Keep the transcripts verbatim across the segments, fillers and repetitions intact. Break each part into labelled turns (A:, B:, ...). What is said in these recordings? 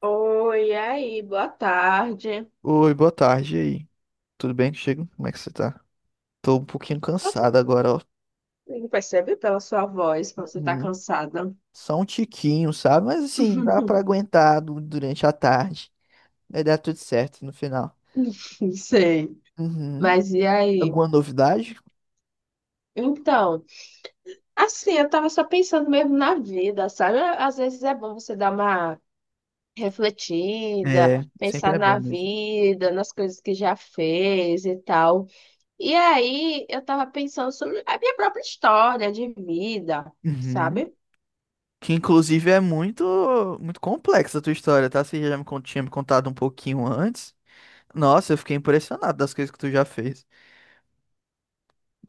A: Oi, e aí, boa tarde.
B: Oi, boa tarde e aí. Tudo bem contigo? Como é que você tá? Tô um pouquinho cansado agora, ó.
A: Amigo, percebe pela sua voz que você tá
B: Uhum.
A: cansada.
B: Só um tiquinho, sabe? Mas assim, dá pra aguentar du- durante a tarde. Vai dar tudo certo no final.
A: Sei,
B: Uhum.
A: mas e aí?
B: Alguma novidade?
A: Então, assim, eu tava só pensando mesmo na vida, sabe? Às vezes é bom você dar uma refletida,
B: É, sempre
A: pensar
B: é
A: na
B: bom mesmo.
A: vida, nas coisas que já fez e tal. E aí, eu tava pensando sobre a minha própria história de vida,
B: Uhum.
A: sabe?
B: Que inclusive é muito, muito complexa a tua história, tá? Você já me con- tinha me contado um pouquinho antes. Nossa, eu fiquei impressionado das coisas que tu já fez.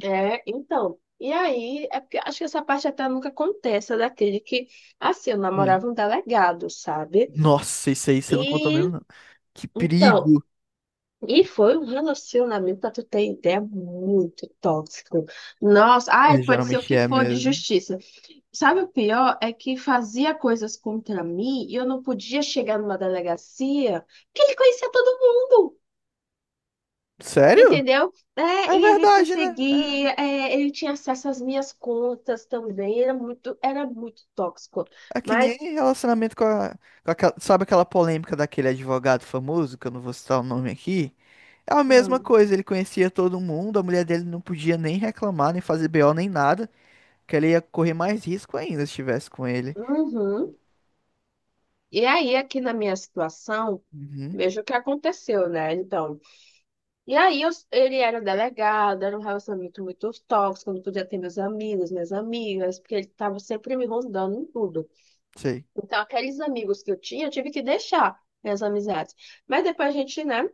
A: É, então. E aí, é porque acho que essa parte até nunca acontece, é daquele que, assim, eu
B: Hum.
A: namorava um delegado, sabe?
B: Nossa, isso aí você não contou mesmo,
A: E,
B: não. Que
A: então,
B: perigo!
A: e foi um relacionamento, pra tu ter ideia, muito tóxico. Nossa, ah,
B: É,
A: ele pode ser o
B: geralmente
A: que
B: é
A: for de
B: mesmo.
A: justiça. Sabe o pior? É que fazia coisas contra mim e eu não podia chegar numa delegacia que ele conhecia todo mundo.
B: Sério?
A: Entendeu? É,
B: É
A: e ele
B: verdade, né? É
A: perseguia, é, ele tinha acesso às minhas contas também, era muito, era muito tóxico.
B: é que
A: Mas,
B: nem relacionamento com a, com aquela- sabe aquela polêmica daquele advogado famoso, que eu não vou citar o nome aqui? É a mesma
A: hum,
B: coisa, ele conhecia todo mundo, a mulher dele não podia nem reclamar, nem fazer B O, nem nada, que ela ia correr mais risco ainda se estivesse com ele.
A: uhum. E aí, aqui na minha situação,
B: Uhum,
A: veja o que aconteceu, né? Então, e aí eu- ele era delegado, era um relacionamento muito tóxico, eu não podia ter meus amigos, minhas amigas, porque ele estava sempre me rondando em tudo.
B: sei,
A: Então, aqueles amigos que eu tinha, eu tive que deixar minhas amizades. Mas depois a gente, né,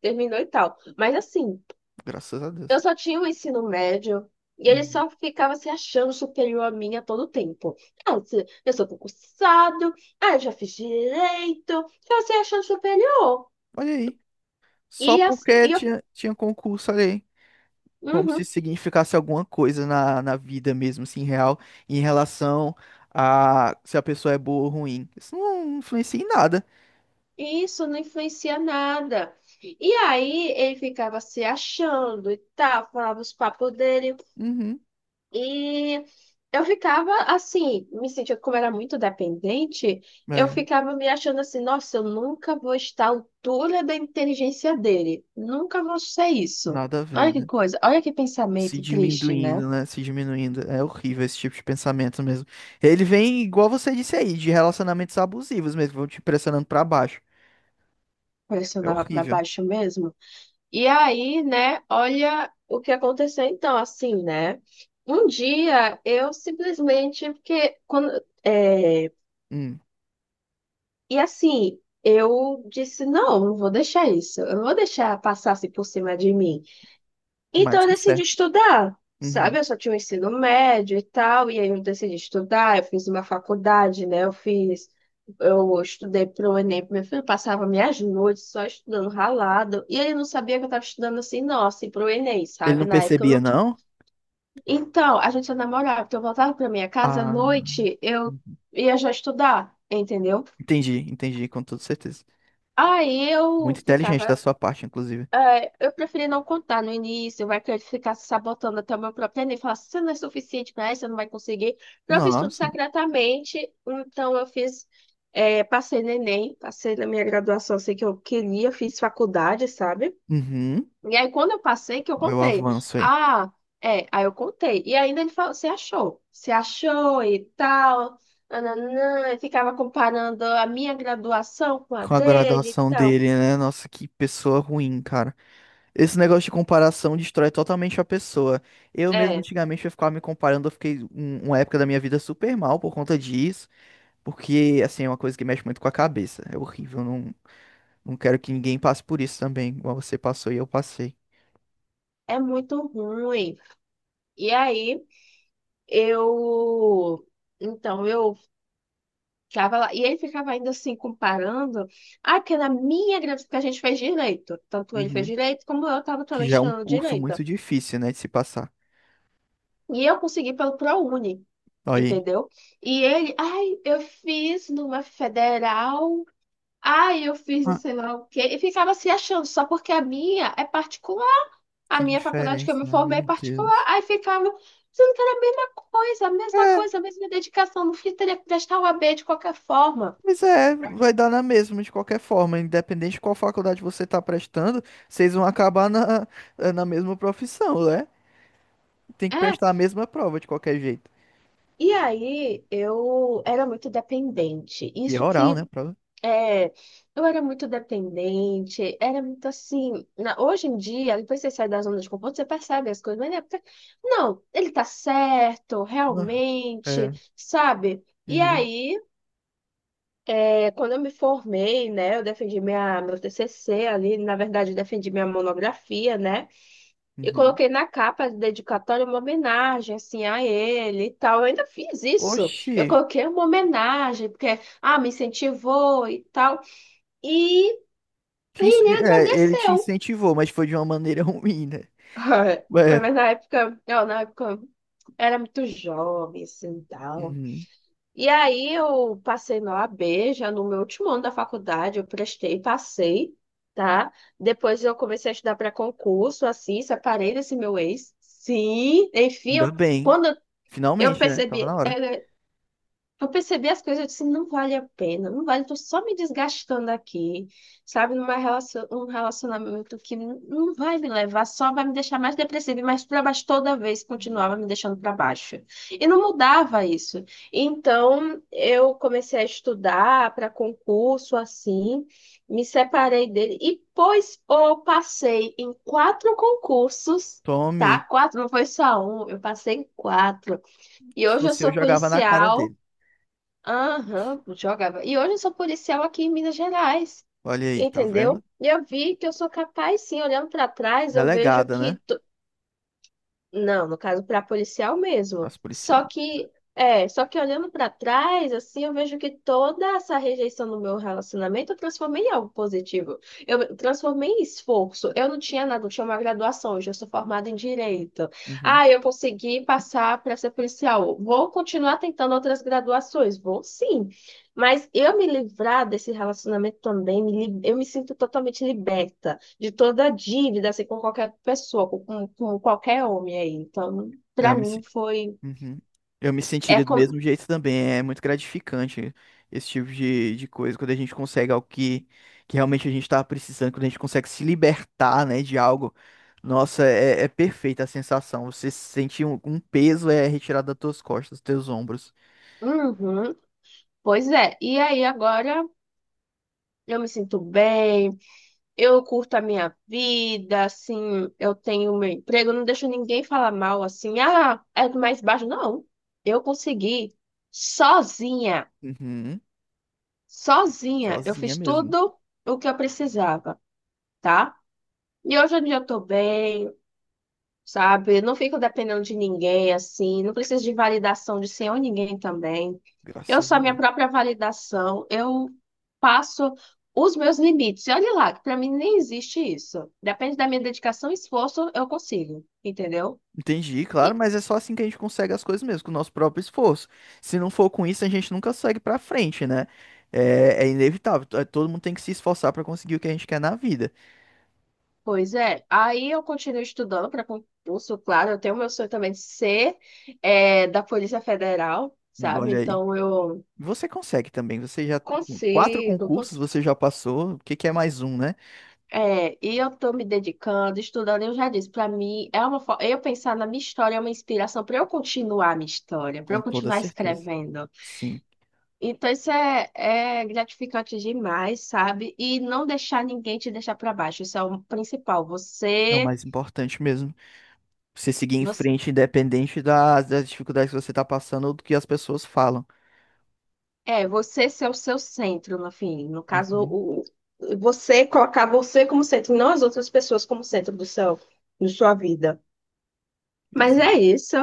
A: terminou e tal. Mas assim.
B: graças a
A: Eu
B: Deus.
A: só tinha o ensino médio e ele
B: Uhum.
A: só ficava se achando superior a mim a todo tempo. Ah, se- eu sou concursado, ah, eu já fiz direito, já se achando superior.
B: Olha aí, só
A: E assim,
B: porque
A: e eu,
B: tinha, tinha concurso, olha aí. Como se
A: uhum,
B: significasse alguma coisa na, na vida mesmo, assim, real, em relação a se a pessoa é boa ou ruim. Isso não influencia em nada.
A: e isso não influencia nada. E aí ele ficava se achando e tal, falava os papos dele.
B: Uhum.
A: E eu ficava assim, me sentia como era muito dependente, eu
B: É,
A: ficava me achando assim, nossa, eu nunca vou estar à altura da inteligência dele, nunca vou ser isso.
B: nada a ver,
A: Olha que
B: né?
A: coisa, olha que
B: Se
A: pensamento triste, né?
B: diminuindo, né? Se diminuindo. É horrível esse tipo de pensamento mesmo. Ele vem, igual você disse aí, de relacionamentos abusivos mesmo, vão te pressionando pra baixo. É
A: Pressionava para
B: horrível.
A: baixo mesmo. E aí, né, olha o que aconteceu então, assim, né? Um dia eu simplesmente, porque quando, é,
B: Hum,
A: e assim, eu disse, não, não vou deixar isso, eu não vou deixar passar assim por cima de mim. Então
B: mais
A: eu
B: que
A: decidi
B: certo.
A: estudar,
B: Uhum.
A: sabe? Eu só tinha o ensino médio e tal, e aí eu decidi estudar, eu fiz uma faculdade, né? Eu fiz, eu estudei pro Enem, pro meu filho passava minhas noites só estudando ralado, e ele não sabia que eu estava estudando assim, nossa assim, pro Enem,
B: Ele
A: sabe?
B: não
A: Na época eu
B: percebia,
A: não tinha.
B: não?
A: Então, a gente só namorava, porque eu voltava pra minha casa à
B: Ah,
A: noite, eu ia já estudar, entendeu?
B: entendi, entendi, com toda certeza.
A: Aí eu
B: Muito inteligente da
A: ficava.
B: sua parte, inclusive.
A: Eu preferi não contar no início, vai que eu ficar se sabotando até o meu próprio Enem, falar, você não é suficiente para isso, você não vai conseguir. Eu fiz tudo
B: Nossa.
A: secretamente, então eu fiz, eh, passei no Enem, passei na minha graduação, sei que eu queria, fiz faculdade, sabe?
B: Uhum.
A: E aí, quando eu passei, que eu
B: Olha o
A: contei.
B: avanço aí.
A: Ah, é, aí eu contei. E ainda ele falou, você achou? Você achou e tal, nananã, e ficava comparando a minha graduação com a
B: Com a
A: dele e
B: graduação
A: tal.
B: dele, né? Nossa, que pessoa ruim, cara. Esse negócio de comparação destrói totalmente a pessoa. Eu mesmo,
A: É,
B: antigamente, eu ficava me comparando. Eu fiquei um- uma época da minha vida super mal por conta disso. Porque, assim, é uma coisa que mexe muito com a cabeça. É horrível. Não, não quero que ninguém passe por isso também, igual você passou e eu passei.
A: é muito ruim. E aí, eu. Então, eu ficava lá. E ele ficava ainda assim, comparando. Ah, porque na minha gravidez, porque a gente fez direito. Tanto ele fez
B: Uhum.
A: direito, como eu estava
B: Que
A: também
B: já é um
A: estudando
B: curso
A: direito.
B: muito difícil, né, de se passar.
A: E eu consegui pelo ProUni,
B: Olha aí.
A: entendeu? E ele, ai, eu fiz numa federal. Ai, eu fiz não
B: Ah,
A: sei lá o quê. E ficava se achando, só porque a minha é particular. A
B: que
A: minha faculdade que eu
B: diferença,
A: me
B: né?
A: formei é
B: Meu
A: particular,
B: Deus.
A: aí ficava dizendo que era a mesma coisa, a mesma
B: É.
A: coisa, a mesma dedicação. No fim, teria que prestar o A B de qualquer forma.
B: Pois é, vai dar na mesma de qualquer forma, independente de qual faculdade você está prestando, vocês vão acabar na, eh, na mesma profissão, né? Tem que
A: É,
B: prestar a mesma prova de qualquer jeito.
A: e aí eu era muito dependente.
B: E é
A: Isso
B: oral, né?
A: que
B: A prova.
A: é, eu era muito dependente, era muito assim. Na- hoje em dia, depois que você sai da zona de conforto, você percebe as coisas, mas na época, não, ele tá certo,
B: Ah,
A: realmente,
B: é.
A: sabe? E
B: Uhum,
A: aí é, quando eu me formei, né, eu defendi minha, meu T C C ali, na verdade, eu defendi minha monografia, né, e
B: uhum.
A: coloquei na capa de dedicatória uma homenagem, assim, a ele e tal. Eu ainda fiz isso.
B: Oxi,
A: Eu coloquei uma homenagem, porque, ah, me incentivou e tal. E
B: te ins-
A: ele
B: é, ele te
A: agradeceu.
B: incentivou, mas foi de uma maneira ruim, né?
A: Foi.
B: É.
A: Mas na época, eu, na época, era muito jovem, assim, tal.
B: Uhum.
A: E aí eu passei na O A B, já no meu último ano da faculdade, eu prestei, passei, tá? Depois eu comecei a estudar para concurso, assim, separei desse meu ex. Sim, enfim,
B: Ainda
A: eu-
B: bem.
A: quando eu
B: Finalmente, né?
A: percebi,
B: Tava na hora.
A: é, eu percebi as coisas, eu disse, não vale a pena, não vale, tô só me desgastando aqui, sabe, numa relação, um relacionamento que n- não vai me levar, só vai me deixar mais depressiva e mais para baixo toda vez, continuava me deixando para baixo. E não mudava isso. Então, eu comecei a estudar para concurso, assim, me separei dele, e pois eu passei em quatro concursos,
B: Tome.
A: tá? Quatro, não foi só um, eu passei em quatro. E
B: Se
A: hoje eu
B: fosse eu,
A: sou
B: jogava na cara
A: policial.
B: dele.
A: Aham, jogava. E hoje eu sou policial aqui em Minas Gerais,
B: Olha aí, tá
A: entendeu?
B: vendo?
A: E eu vi que eu sou capaz, sim. Olhando para trás, eu vejo
B: Delegada, né?
A: que não, no caso para policial mesmo.
B: As
A: Só
B: policial.
A: que é, só que olhando para trás, assim, eu vejo que toda essa rejeição no meu relacionamento eu transformei em algo positivo. Eu transformei em esforço. Eu não tinha nada, eu tinha uma graduação, hoje eu sou formada em direito.
B: Uhum.
A: Ah, eu consegui passar para ser policial. Vou continuar tentando outras graduações, vou sim. Mas eu me livrar desse relacionamento também, me li- eu me sinto totalmente liberta de toda a dívida, assim, com qualquer pessoa, com, com- com qualquer homem aí. Então,
B: É,
A: pra
B: Eu me
A: mim foi.
B: Uhum. Eu me
A: É
B: sentiria do
A: como.
B: mesmo jeito também. É muito gratificante esse tipo de, de coisa, quando a gente consegue algo que, que realmente a gente estava precisando, quando a gente consegue se libertar, né, de algo. Nossa, é, é perfeita a sensação. Você sentir um, um peso é retirado das tuas costas, dos teus ombros.
A: Uhum, pois é. E aí agora eu me sinto bem, eu curto a minha vida, assim, eu tenho meu emprego, eu não deixo ninguém falar mal, assim, ah, é do mais baixo. Não, eu consegui sozinha,
B: Uhum.
A: sozinha. Eu
B: Sozinha
A: fiz
B: mesmo.
A: tudo o que eu precisava, tá? E hoje em dia eu tô bem. Sabe? Eu não fico dependendo de ninguém assim, não preciso de validação de senhor ninguém também. Eu
B: Graças
A: sou
B: a
A: a minha
B: Deus.
A: própria validação, eu passo os meus limites. E olha lá, que para mim nem existe isso. Depende da minha dedicação e esforço, eu consigo, entendeu?
B: Entendi, claro,
A: E,
B: mas é só assim que a gente consegue as coisas mesmo, com o nosso próprio esforço. Se não for com isso, a gente nunca segue pra frente, né? É, é inevitável. to- Todo mundo tem que se esforçar pra conseguir o que a gente quer na vida.
A: pois é, aí eu continuo estudando para concurso, claro, eu tenho meu sonho também de ser é, da Polícia Federal,
B: Hum,
A: sabe?
B: Olha aí.
A: Então eu
B: Você consegue também. Você já. Quatro
A: consigo,
B: concursos
A: consigo.
B: você já passou. O que que é mais um, né?
A: É, e eu tô me dedicando, estudando, eu já disse, para mim é uma forma, eu pensar na minha história é uma inspiração para eu continuar a minha história, para
B: Com
A: eu
B: toda
A: continuar
B: certeza.
A: escrevendo.
B: Sim.
A: Então isso é, é gratificante demais, sabe? E não deixar ninguém te deixar para baixo, isso é o principal.
B: É o
A: Você,
B: mais importante mesmo. Você seguir em
A: você,
B: frente, independente das, das dificuldades que você tá passando ou do que as pessoas falam.
A: é, você ser o seu centro, no fim, no caso,
B: Uhum.
A: o, o- você colocar você como centro, não as outras pessoas como centro do seu, da sua vida. Mas é
B: Exato.
A: isso.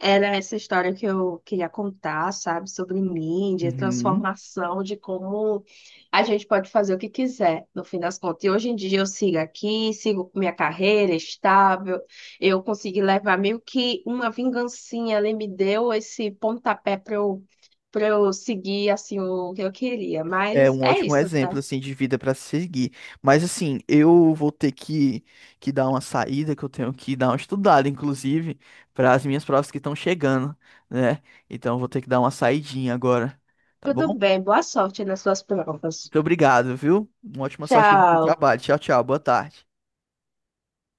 A: Era essa história que eu queria contar, sabe? Sobre mídia,
B: Uhum.
A: transformação, de como a gente pode fazer o que quiser, no fim das contas. E hoje em dia eu sigo aqui, sigo com minha carreira estável. Eu consegui levar meio que uma vingancinha ali, me deu esse pontapé para eu, para eu seguir assim o que eu queria.
B: É
A: Mas
B: um
A: é
B: ótimo
A: isso,
B: exemplo
A: tá?
B: assim de vida para seguir. Mas assim, eu vou ter que, que dar uma saída, que eu tenho que dar uma estudada, inclusive, para as minhas provas que estão chegando, né? Então eu vou ter que dar uma saidinha agora, tá
A: Tudo
B: bom?
A: bem, boa sorte nas suas provas.
B: Muito obrigado, viu? Uma ótima sorte no
A: Tchau.
B: trabalho. Tchau, tchau. Boa tarde.